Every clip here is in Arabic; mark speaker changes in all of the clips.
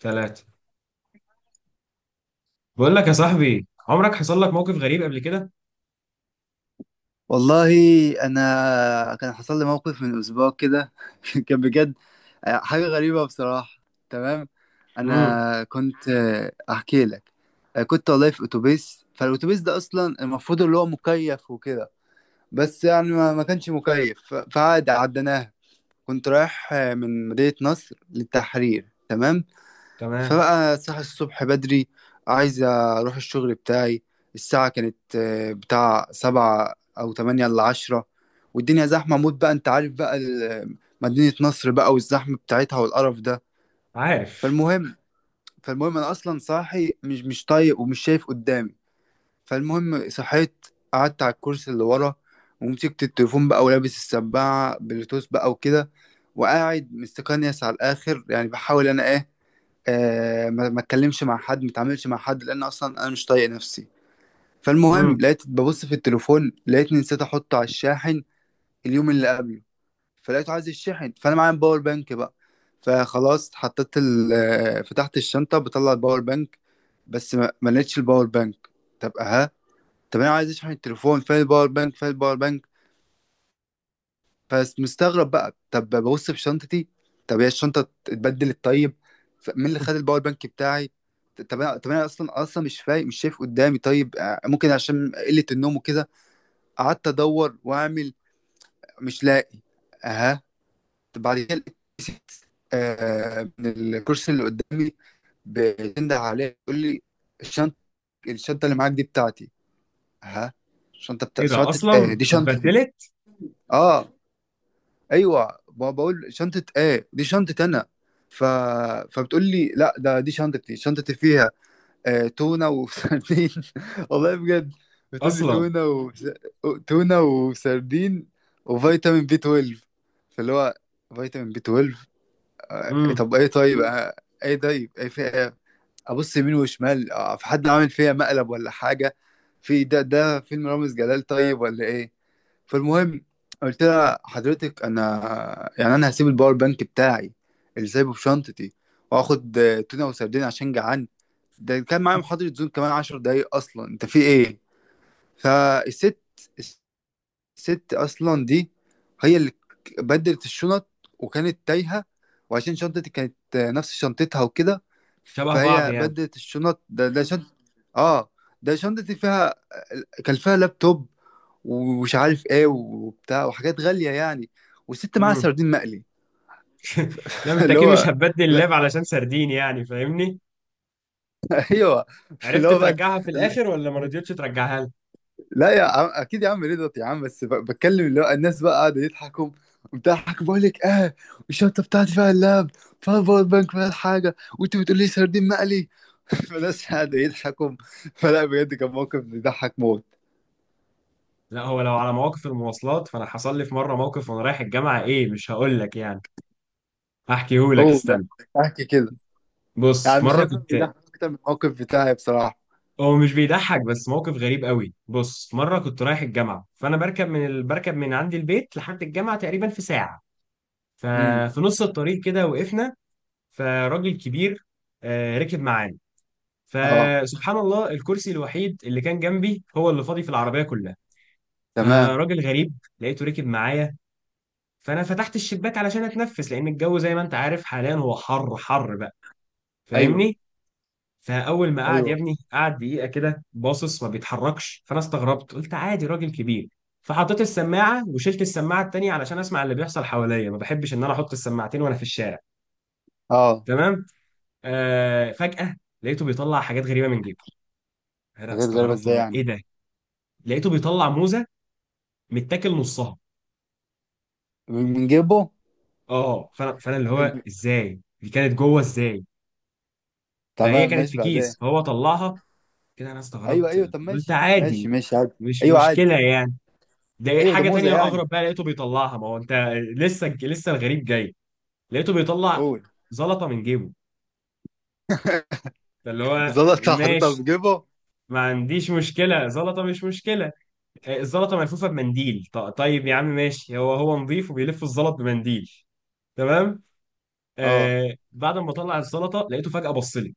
Speaker 1: ثلاثة. بقول لك يا صاحبي، عمرك حصل لك موقف غريب قبل كده؟
Speaker 2: والله، انا كان حصل لي موقف من اسبوع كده. كان بجد. حاجه غريبه بصراحه. تمام.
Speaker 1: امم.
Speaker 2: انا كنت احكي لك. كنت والله في اتوبيس. فالاتوبيس ده اصلا المفروض اللي هو مكيف وكده. بس يعني ما كانش مكيف. فعادي عديناها. كنت رايح من مدينه نصر للتحرير. تمام.
Speaker 1: تمام.
Speaker 2: فبقى صاحي الصبح بدري، عايز أروح الشغل بتاعي. الساعة كانت بتاع سبعة أو تمانية إلا عشرة. والدنيا زحمة موت بقى، أنت عارف بقى مدينة نصر بقى، والزحمة بتاعتها والقرف ده.
Speaker 1: عارف.
Speaker 2: فالمهم فالمهم، أنا أصلا صاحي، مش طايق ومش شايف قدامي. فالمهم صحيت، قعدت على الكرسي اللي ورا، ومسكت التليفون بقى، ولابس السماعة بلوتوث بقى وكده، وقاعد مستكنيس على الآخر، يعني بحاول أنا إيه، ما اتكلمش مع حد، ما اتعاملش مع حد، لان اصلا انا مش طايق نفسي. فالمهم
Speaker 1: امم.
Speaker 2: لقيت ببص في التليفون، لقيتني نسيت احطه على الشاحن اليوم اللي قبله. فلقيته عايز الشحن، فانا معايا باور بانك بقى. فخلاص حطيت ال آه، فتحت الشنطه بطلع الباور بانك. بس ما لقيتش الباور بانك. طب ها، طب انا عايز اشحن التليفون، فين الباور بانك، فين الباور بانك؟ فمستغرب بقى، طب ببص في شنطتي. طب هي الشنطه اتبدلت؟ طيب، مين اللي خد الباور بانك بتاعي؟ طب انا اصلا مش فايق، مش شايف قدامي. طيب ممكن عشان قله النوم وكده. قعدت ادور واعمل، مش لاقي. اها، طب بعد كده لقيت، من الكرسي اللي قدامي بتنده عليه، يقول لي: الشنطه، الشنطه اللي معاك دي بتاعتي. اها، شنطه؟ بتاع
Speaker 1: ايه ده؟
Speaker 2: شنطه،
Speaker 1: اصلا
Speaker 2: دي شنطتي.
Speaker 1: اتبدلت؟
Speaker 2: اه، ايوه، ما بقول شنطه؟ ايه دي شنطه انا. ف... فبتقول لي لا، ده دي شنطتي. شنطتي فيها تونه وسردين. والله بجد، بتقول لي
Speaker 1: اصلا.
Speaker 2: تونه و... تونه وسردين وفيتامين بي 12. فاللي هو فيتامين بي 12.
Speaker 1: امم.
Speaker 2: طب ايه؟ طيب ايه؟ طيب ايه في ايه؟ ابص يمين وشمال، في حد عامل فيها مقلب ولا حاجه؟ في ده فيلم رامز جلال طيب ولا ايه؟ فالمهم قلت لها: حضرتك انا، يعني انا هسيب الباور بانك بتاعي اللي سايبه في شنطتي، واخد تونه وسردين عشان جعان؟ ده كان معايا محاضرة زوم كمان عشر دقايق، اصلا انت في ايه؟ فالست الست اصلا دي هي اللي بدلت الشنط، وكانت تايهه، وعشان شنطتي كانت نفس شنطتها وكده.
Speaker 1: شبه بعض
Speaker 2: فهي
Speaker 1: يعني.
Speaker 2: بدلت الشنط. ده شنط، اه، ده شنطتي فيها، كان فيها لابتوب ومش عارف ايه وبتاع وحاجات غاليه يعني، والست معاها
Speaker 1: امم.
Speaker 2: سردين مقلي.
Speaker 1: لا، انت
Speaker 2: اللي
Speaker 1: اكيد مش
Speaker 2: هو
Speaker 1: هتبدل
Speaker 2: لا،
Speaker 1: اللاب علشان سردين، يعني فاهمني؟
Speaker 2: ايوه، اللي
Speaker 1: عرفت
Speaker 2: هو بقى
Speaker 1: ترجعها في الاخر ولا ما رضيتش ترجعها لي؟
Speaker 2: لا يا عم، اكيد يا عم رضا يا عم، بس بتكلم، اللي هو الناس بقى قاعده يضحكوا، بتضحك، بقول لك اه الشنطه بتاعتي فيها اللاب، فيها الباور بانك، فيها الحاجه، وانت بتقول لي سردين مقلي؟ فالناس قاعده يضحكوا. فلا بجد كان موقف بيضحك موت.
Speaker 1: لا، هو لو على مواقف المواصلات، فانا حصل لي في مره موقف وانا رايح الجامعه، ايه، مش هقول لك يعني. هحكيه لك،
Speaker 2: هو ده،
Speaker 1: استنى.
Speaker 2: احكي كده،
Speaker 1: بص
Speaker 2: يعني مش
Speaker 1: مره
Speaker 2: هيبقى
Speaker 1: كنت...
Speaker 2: بيضحك اكتر من الموقف بتاعي بصراحه.
Speaker 1: هو مش بيضحك بس موقف غريب قوي. بص، مره كنت رايح الجامعه، فانا بركب من عندي البيت لحد الجامعه تقريبا في ساعه.
Speaker 2: امم.
Speaker 1: ففي نص الطريق كده وقفنا، فراجل كبير ركب معانا.
Speaker 2: اه،
Speaker 1: فسبحان الله، الكرسي الوحيد اللي كان جنبي هو اللي فاضي في العربيه كلها.
Speaker 2: تمام.
Speaker 1: فراجل غريب لقيته ركب معايا. فانا فتحت الشباك علشان اتنفس، لان الجو زي ما انت عارف حاليا هو حر حر بقى،
Speaker 2: ايوه،
Speaker 1: فاهمني. فاول ما قعد يا
Speaker 2: ايوه،
Speaker 1: ابني، قعد دقيقه كده باصص ما بيتحركش، فانا استغربت قلت عادي راجل كبير. فحطيت السماعه وشلت السماعه التانيه علشان اسمع اللي بيحصل حواليا، ما بحبش ان انا احط السماعتين وانا في الشارع.
Speaker 2: اه.
Speaker 1: تمام. فجاه لقيته بيطلع حاجات غريبه من جيبه. انا
Speaker 2: حاجات غريبه
Speaker 1: استغربت،
Speaker 2: ازاي
Speaker 1: هو ايه
Speaker 2: يعني؟
Speaker 1: ده؟ لقيته بيطلع موزه متاكل نصها.
Speaker 2: من جيبه؟
Speaker 1: اه، فانا اللي هو ازاي، دي كانت جوه ازاي؟ فهي
Speaker 2: تمام،
Speaker 1: كانت
Speaker 2: ماشي،
Speaker 1: في
Speaker 2: بعدين.
Speaker 1: كيس فهو طلعها كده. انا
Speaker 2: ايوه،
Speaker 1: استغربت
Speaker 2: ايوه، طب
Speaker 1: قلت
Speaker 2: ماشي، ماشي،
Speaker 1: عادي،
Speaker 2: ماشي، عادي.
Speaker 1: مش
Speaker 2: ايوه عادي.
Speaker 1: مشكله يعني. ده
Speaker 2: ايوه، ده
Speaker 1: حاجة
Speaker 2: موزه
Speaker 1: تانية
Speaker 2: يعني.
Speaker 1: أغرب بقى، لقيته بيطلعها، ما هو أنت لسه لسه الغريب جاي. لقيته بيطلع
Speaker 2: قول.
Speaker 1: زلطة من جيبه. فاللي هو
Speaker 2: زلط حاططها في
Speaker 1: ماشي،
Speaker 2: جيبه؟
Speaker 1: ما عنديش مشكلة، زلطة مش مشكلة. الزلطة ملفوفة بمنديل، طيب يا عم ماشي، هو نظيف وبيلف الزلط بمنديل. تمام.
Speaker 2: اه.
Speaker 1: بعد ما طلع الزلطة لقيته فجأة بص لي.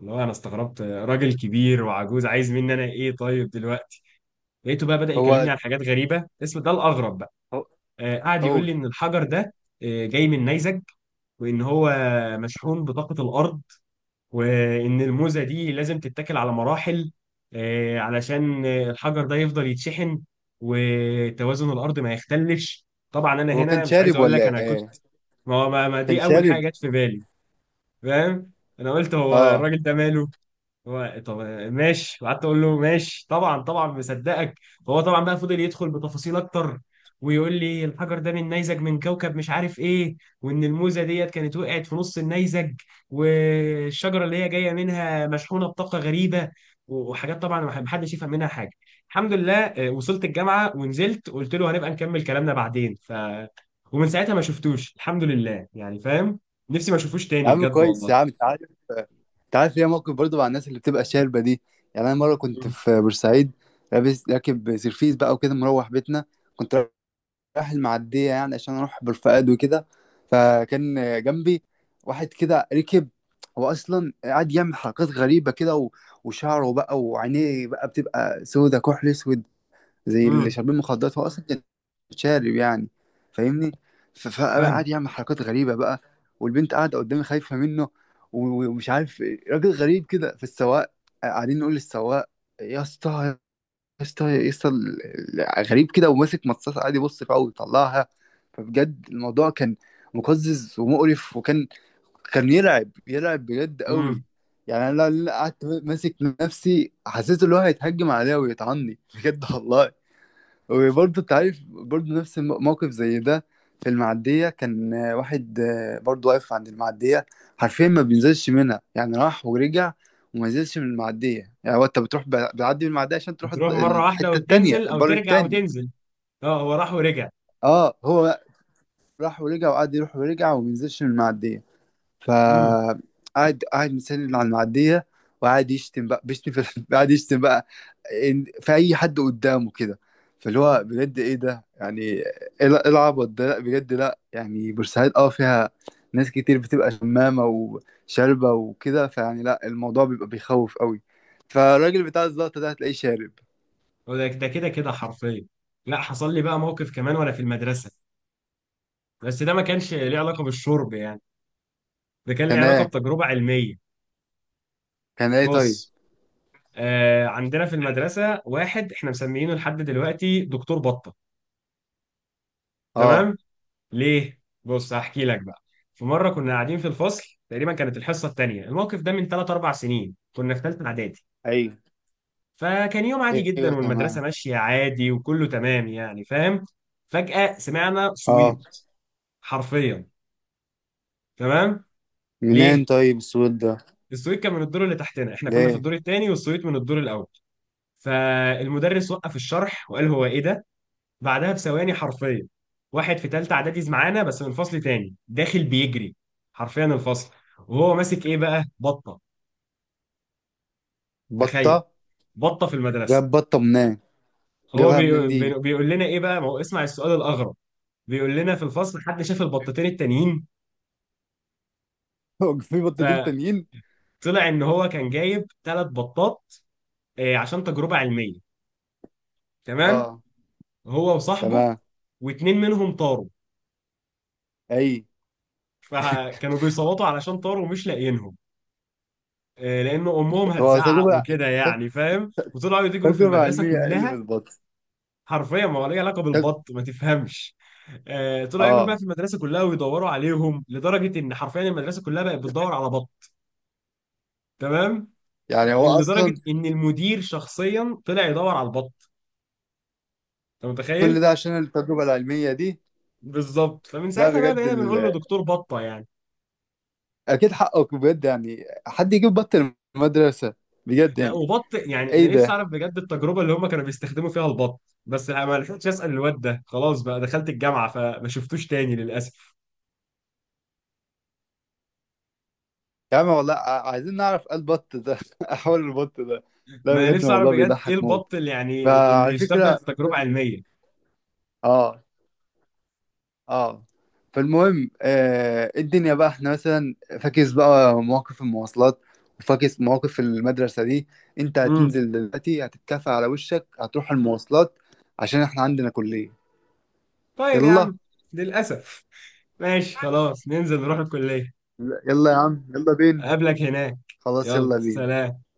Speaker 1: اللي هو أنا استغربت، راجل كبير وعجوز عايز مني أنا إيه طيب دلوقتي؟ لقيته بقى بدأ
Speaker 2: هو
Speaker 1: يكلمني عن حاجات غريبة، اسم ده الأغرب بقى.
Speaker 2: هو-
Speaker 1: قعد يقول لي
Speaker 2: قول.
Speaker 1: إن الحجر ده جاي من نيزك، وان هو مشحون بطاقة الارض، وان الموزة دي لازم تتاكل على مراحل علشان الحجر ده يفضل يتشحن وتوازن الارض ما يختلش. طبعا انا
Speaker 2: هو
Speaker 1: هنا
Speaker 2: كان
Speaker 1: مش عايز
Speaker 2: شارب
Speaker 1: اقول لك
Speaker 2: ولا
Speaker 1: انا كنت...
Speaker 2: ايه؟
Speaker 1: ما
Speaker 2: كان
Speaker 1: دي اول
Speaker 2: شارب؟
Speaker 1: حاجة جت في بالي، فاهم. انا قلت هو
Speaker 2: اه.
Speaker 1: الراجل ده ماله، هو طب ماشي، وقعدت اقول له ماشي طبعا طبعا مصدقك. فهو طبعا بقى فضل يدخل بتفاصيل اكتر، ويقول لي الحجر ده من نيزك من كوكب مش عارف ايه، وان الموزه ديت كانت وقعت في نص النيزك، والشجره اللي هي جايه منها مشحونه بطاقه غريبه، وحاجات طبعا محدش يفهم منها حاجه. الحمد لله، وصلت الجامعه ونزلت، قلت له هنبقى نكمل كلامنا بعدين، ف... ومن ساعتها ما شفتوش، الحمد لله يعني، فاهم. نفسي ما اشوفوش
Speaker 2: يا
Speaker 1: تاني
Speaker 2: عم
Speaker 1: بجد
Speaker 2: كويس
Speaker 1: والله.
Speaker 2: يا عم، انت عارف، انت عارف ليا موقف برضه مع الناس اللي بتبقى شاربه دي. يعني انا مره كنت في بورسعيد، لابس راكب سيرفيس بقى وكده، مروح بيتنا. كنت رايح المعدية، يعني عشان أروح بالفؤاد وكده. فكان جنبي واحد كده ركب، هو أصلا قاعد يعمل حركات غريبة كده، وشعره بقى وعينيه بقى بتبقى سودة كحل أسود، زي اللي
Speaker 1: امم.
Speaker 2: شاربين مخدرات. هو أصلا كان شارب يعني، فاهمني؟ فبقى
Speaker 1: فاهم.
Speaker 2: قاعد يعمل حركات غريبة بقى، والبنت قاعدة قدامي خايفة منه، ومش عارف إيه. راجل غريب كده. في السواق، قاعدين نقول للسواق: يا اسطى، يسطا يسطا، غريب كده، وماسك مصاصة قاعد يبص فيها ويطلعها. فبجد الموضوع كان مقزز ومقرف، وكان يرعب، يرعب بجد
Speaker 1: مم.
Speaker 2: قوي. يعني انا لو قعدت ماسك نفسي، حسيت ان هو هيتهجم عليا ويطعني بجد والله. وبرضه انت عارف، برضه نفس موقف زي ده. في المعدية كان واحد برضه واقف عند المعدية. حرفيا ما بينزلش منها، يعني راح ورجع وما نزلش من المعدية. يعني هو، انت بتروح، بتعدي من المعدية عشان تروح
Speaker 1: بتروح مرة واحدة
Speaker 2: الحتة التانية،
Speaker 1: وتنزل أو
Speaker 2: البر
Speaker 1: ترجع
Speaker 2: التاني.
Speaker 1: وتنزل؟ اه، هو راح ورجع.
Speaker 2: اه هو راح ورجع وقعد يروح ورجع وما نزلش من المعدية،
Speaker 1: امم.
Speaker 2: فقعد قاعد مستني على المعديه. وقعد يشتم بقى، بيشتم في قاعد يشتم بقى في اي حد قدامه كده. فاللي هو بجد ايه ده؟ يعني ايه إيه العبط ده؟ لا بجد، لا يعني، بورسعيد اه فيها ناس كتير بتبقى شمامه وشاربه وكده، فيعني لا الموضوع بيبقى بيخوف قوي. فالراجل بتاع الزلطه ده هتلاقيه شارب.
Speaker 1: هو ده كده كده حرفيا. لا، حصل لي بقى موقف كمان وأنا في المدرسة، بس ده ما كانش ليه علاقة بالشرب يعني، ده كان ليه
Speaker 2: كان
Speaker 1: علاقة
Speaker 2: ايه؟
Speaker 1: بتجربة علمية.
Speaker 2: كان ايه طيب؟
Speaker 1: بص، عندنا في المدرسة واحد احنا مسميينه لحد دلوقتي دكتور بطة.
Speaker 2: اه،
Speaker 1: تمام. ليه؟ بص هحكي لك بقى. في مرة كنا قاعدين في الفصل، تقريبا كانت الحصة التانية، الموقف ده من 3 4 سنين، كنا في ثالثة إعدادي.
Speaker 2: ايوه،
Speaker 1: فكان يوم عادي جدا،
Speaker 2: ايوه،
Speaker 1: والمدرسة
Speaker 2: تمام،
Speaker 1: ماشية عادي وكله تمام يعني، فاهم. فجأة سمعنا صويت
Speaker 2: اه.
Speaker 1: حرفيا. تمام. ليه؟
Speaker 2: منين طيب السود ده؟
Speaker 1: الصويت كان من الدور اللي تحتنا، احنا كنا في
Speaker 2: ليه؟
Speaker 1: الدور الثاني والصويت من الدور الأول. فالمدرس وقف الشرح وقال هو ايه ده؟ بعدها بثواني حرفيا، واحد في ثالثة إعدادي معانا بس من فصل تاني داخل بيجري حرفيا الفصل، وهو ماسك ايه بقى؟ بطة. تخيل،
Speaker 2: بطه؟
Speaker 1: بطة في المدرسة.
Speaker 2: جاب بطة منين؟
Speaker 1: هو
Speaker 2: جابها منين دي؟
Speaker 1: بيقول لنا ايه بقى؟ ما هو اسمع السؤال الأغرب. بيقول لنا في الفصل حد شاف البطتين التانيين؟
Speaker 2: هو في بطتين
Speaker 1: فطلع
Speaker 2: تانيين؟
Speaker 1: ان هو كان جايب ثلاث بطات عشان تجربة علمية. تمام.
Speaker 2: اه،
Speaker 1: هو وصاحبه،
Speaker 2: تمام.
Speaker 1: واتنين منهم طاروا،
Speaker 2: اي،
Speaker 1: فكانوا بيصوتوا علشان طاروا ومش لاقيينهم لان امهم
Speaker 2: هو
Speaker 1: هتزعق
Speaker 2: تجربة،
Speaker 1: وكده
Speaker 2: تج-
Speaker 1: يعني، فاهم، وطلعوا يجروا في
Speaker 2: تجربة
Speaker 1: المدرسة
Speaker 2: علمية اقل من
Speaker 1: كلها.
Speaker 2: البط؟
Speaker 1: حرفيا ما هو ليه علاقة
Speaker 2: تج...
Speaker 1: بالبط، ما تفهمش. طلعوا يجروا بقى
Speaker 2: اه.
Speaker 1: في المدرسة كلها ويدوروا عليهم لدرجة ان حرفيا المدرسة كلها بقت بتدور على بط. تمام.
Speaker 2: يعني هو
Speaker 1: لدرجة
Speaker 2: اصلا
Speaker 1: ان المدير شخصيا طلع يدور على البط، انت متخيل؟
Speaker 2: كل ده عشان التجربة العلمية دي؟
Speaker 1: بالظبط. فمن
Speaker 2: لا
Speaker 1: ساعتها بقى
Speaker 2: بجد
Speaker 1: بقينا بنقول له دكتور بطه يعني.
Speaker 2: اكيد حقك بجد، يعني حد يجيب بط المدرسة؟ بجد
Speaker 1: لا،
Speaker 2: يعني،
Speaker 1: وبط يعني، انا
Speaker 2: ايه
Speaker 1: نفسي
Speaker 2: ده؟
Speaker 1: اعرف بجد التجربه اللي هم كانوا بيستخدموا فيها البط، بس لا، ما لحقتش اسال الواد ده، خلاص بقى دخلت الجامعه فما شفتوش تاني للاسف.
Speaker 2: يا عم والله، عايزين نعرف ايه البط ده. احول البط ده. لا
Speaker 1: ما انا
Speaker 2: بجد
Speaker 1: نفسي اعرف
Speaker 2: الموضوع
Speaker 1: بجد ايه
Speaker 2: بيضحك موت.
Speaker 1: البط اللي يعني اللي
Speaker 2: فعلى
Speaker 1: يستخدم
Speaker 2: فكرة،
Speaker 1: في تجربه علميه.
Speaker 2: اه، اه، فالمهم الدنيا بقى احنا مثلا فاكس بقى مواقف المواصلات، وفاكس مواقف المدرسة دي. انت
Speaker 1: امم.
Speaker 2: هتنزل دلوقتي، هتتكافئ على وشك، هتروح المواصلات، عشان احنا عندنا كلية.
Speaker 1: طيب يا
Speaker 2: يلا،
Speaker 1: عم، للاسف ماشي خلاص، ننزل نروح الكليه.
Speaker 2: يلا يا عم، يلا بينا.
Speaker 1: اقابلك هناك.
Speaker 2: خلاص،
Speaker 1: يلا،
Speaker 2: يلا بينا.
Speaker 1: سلام.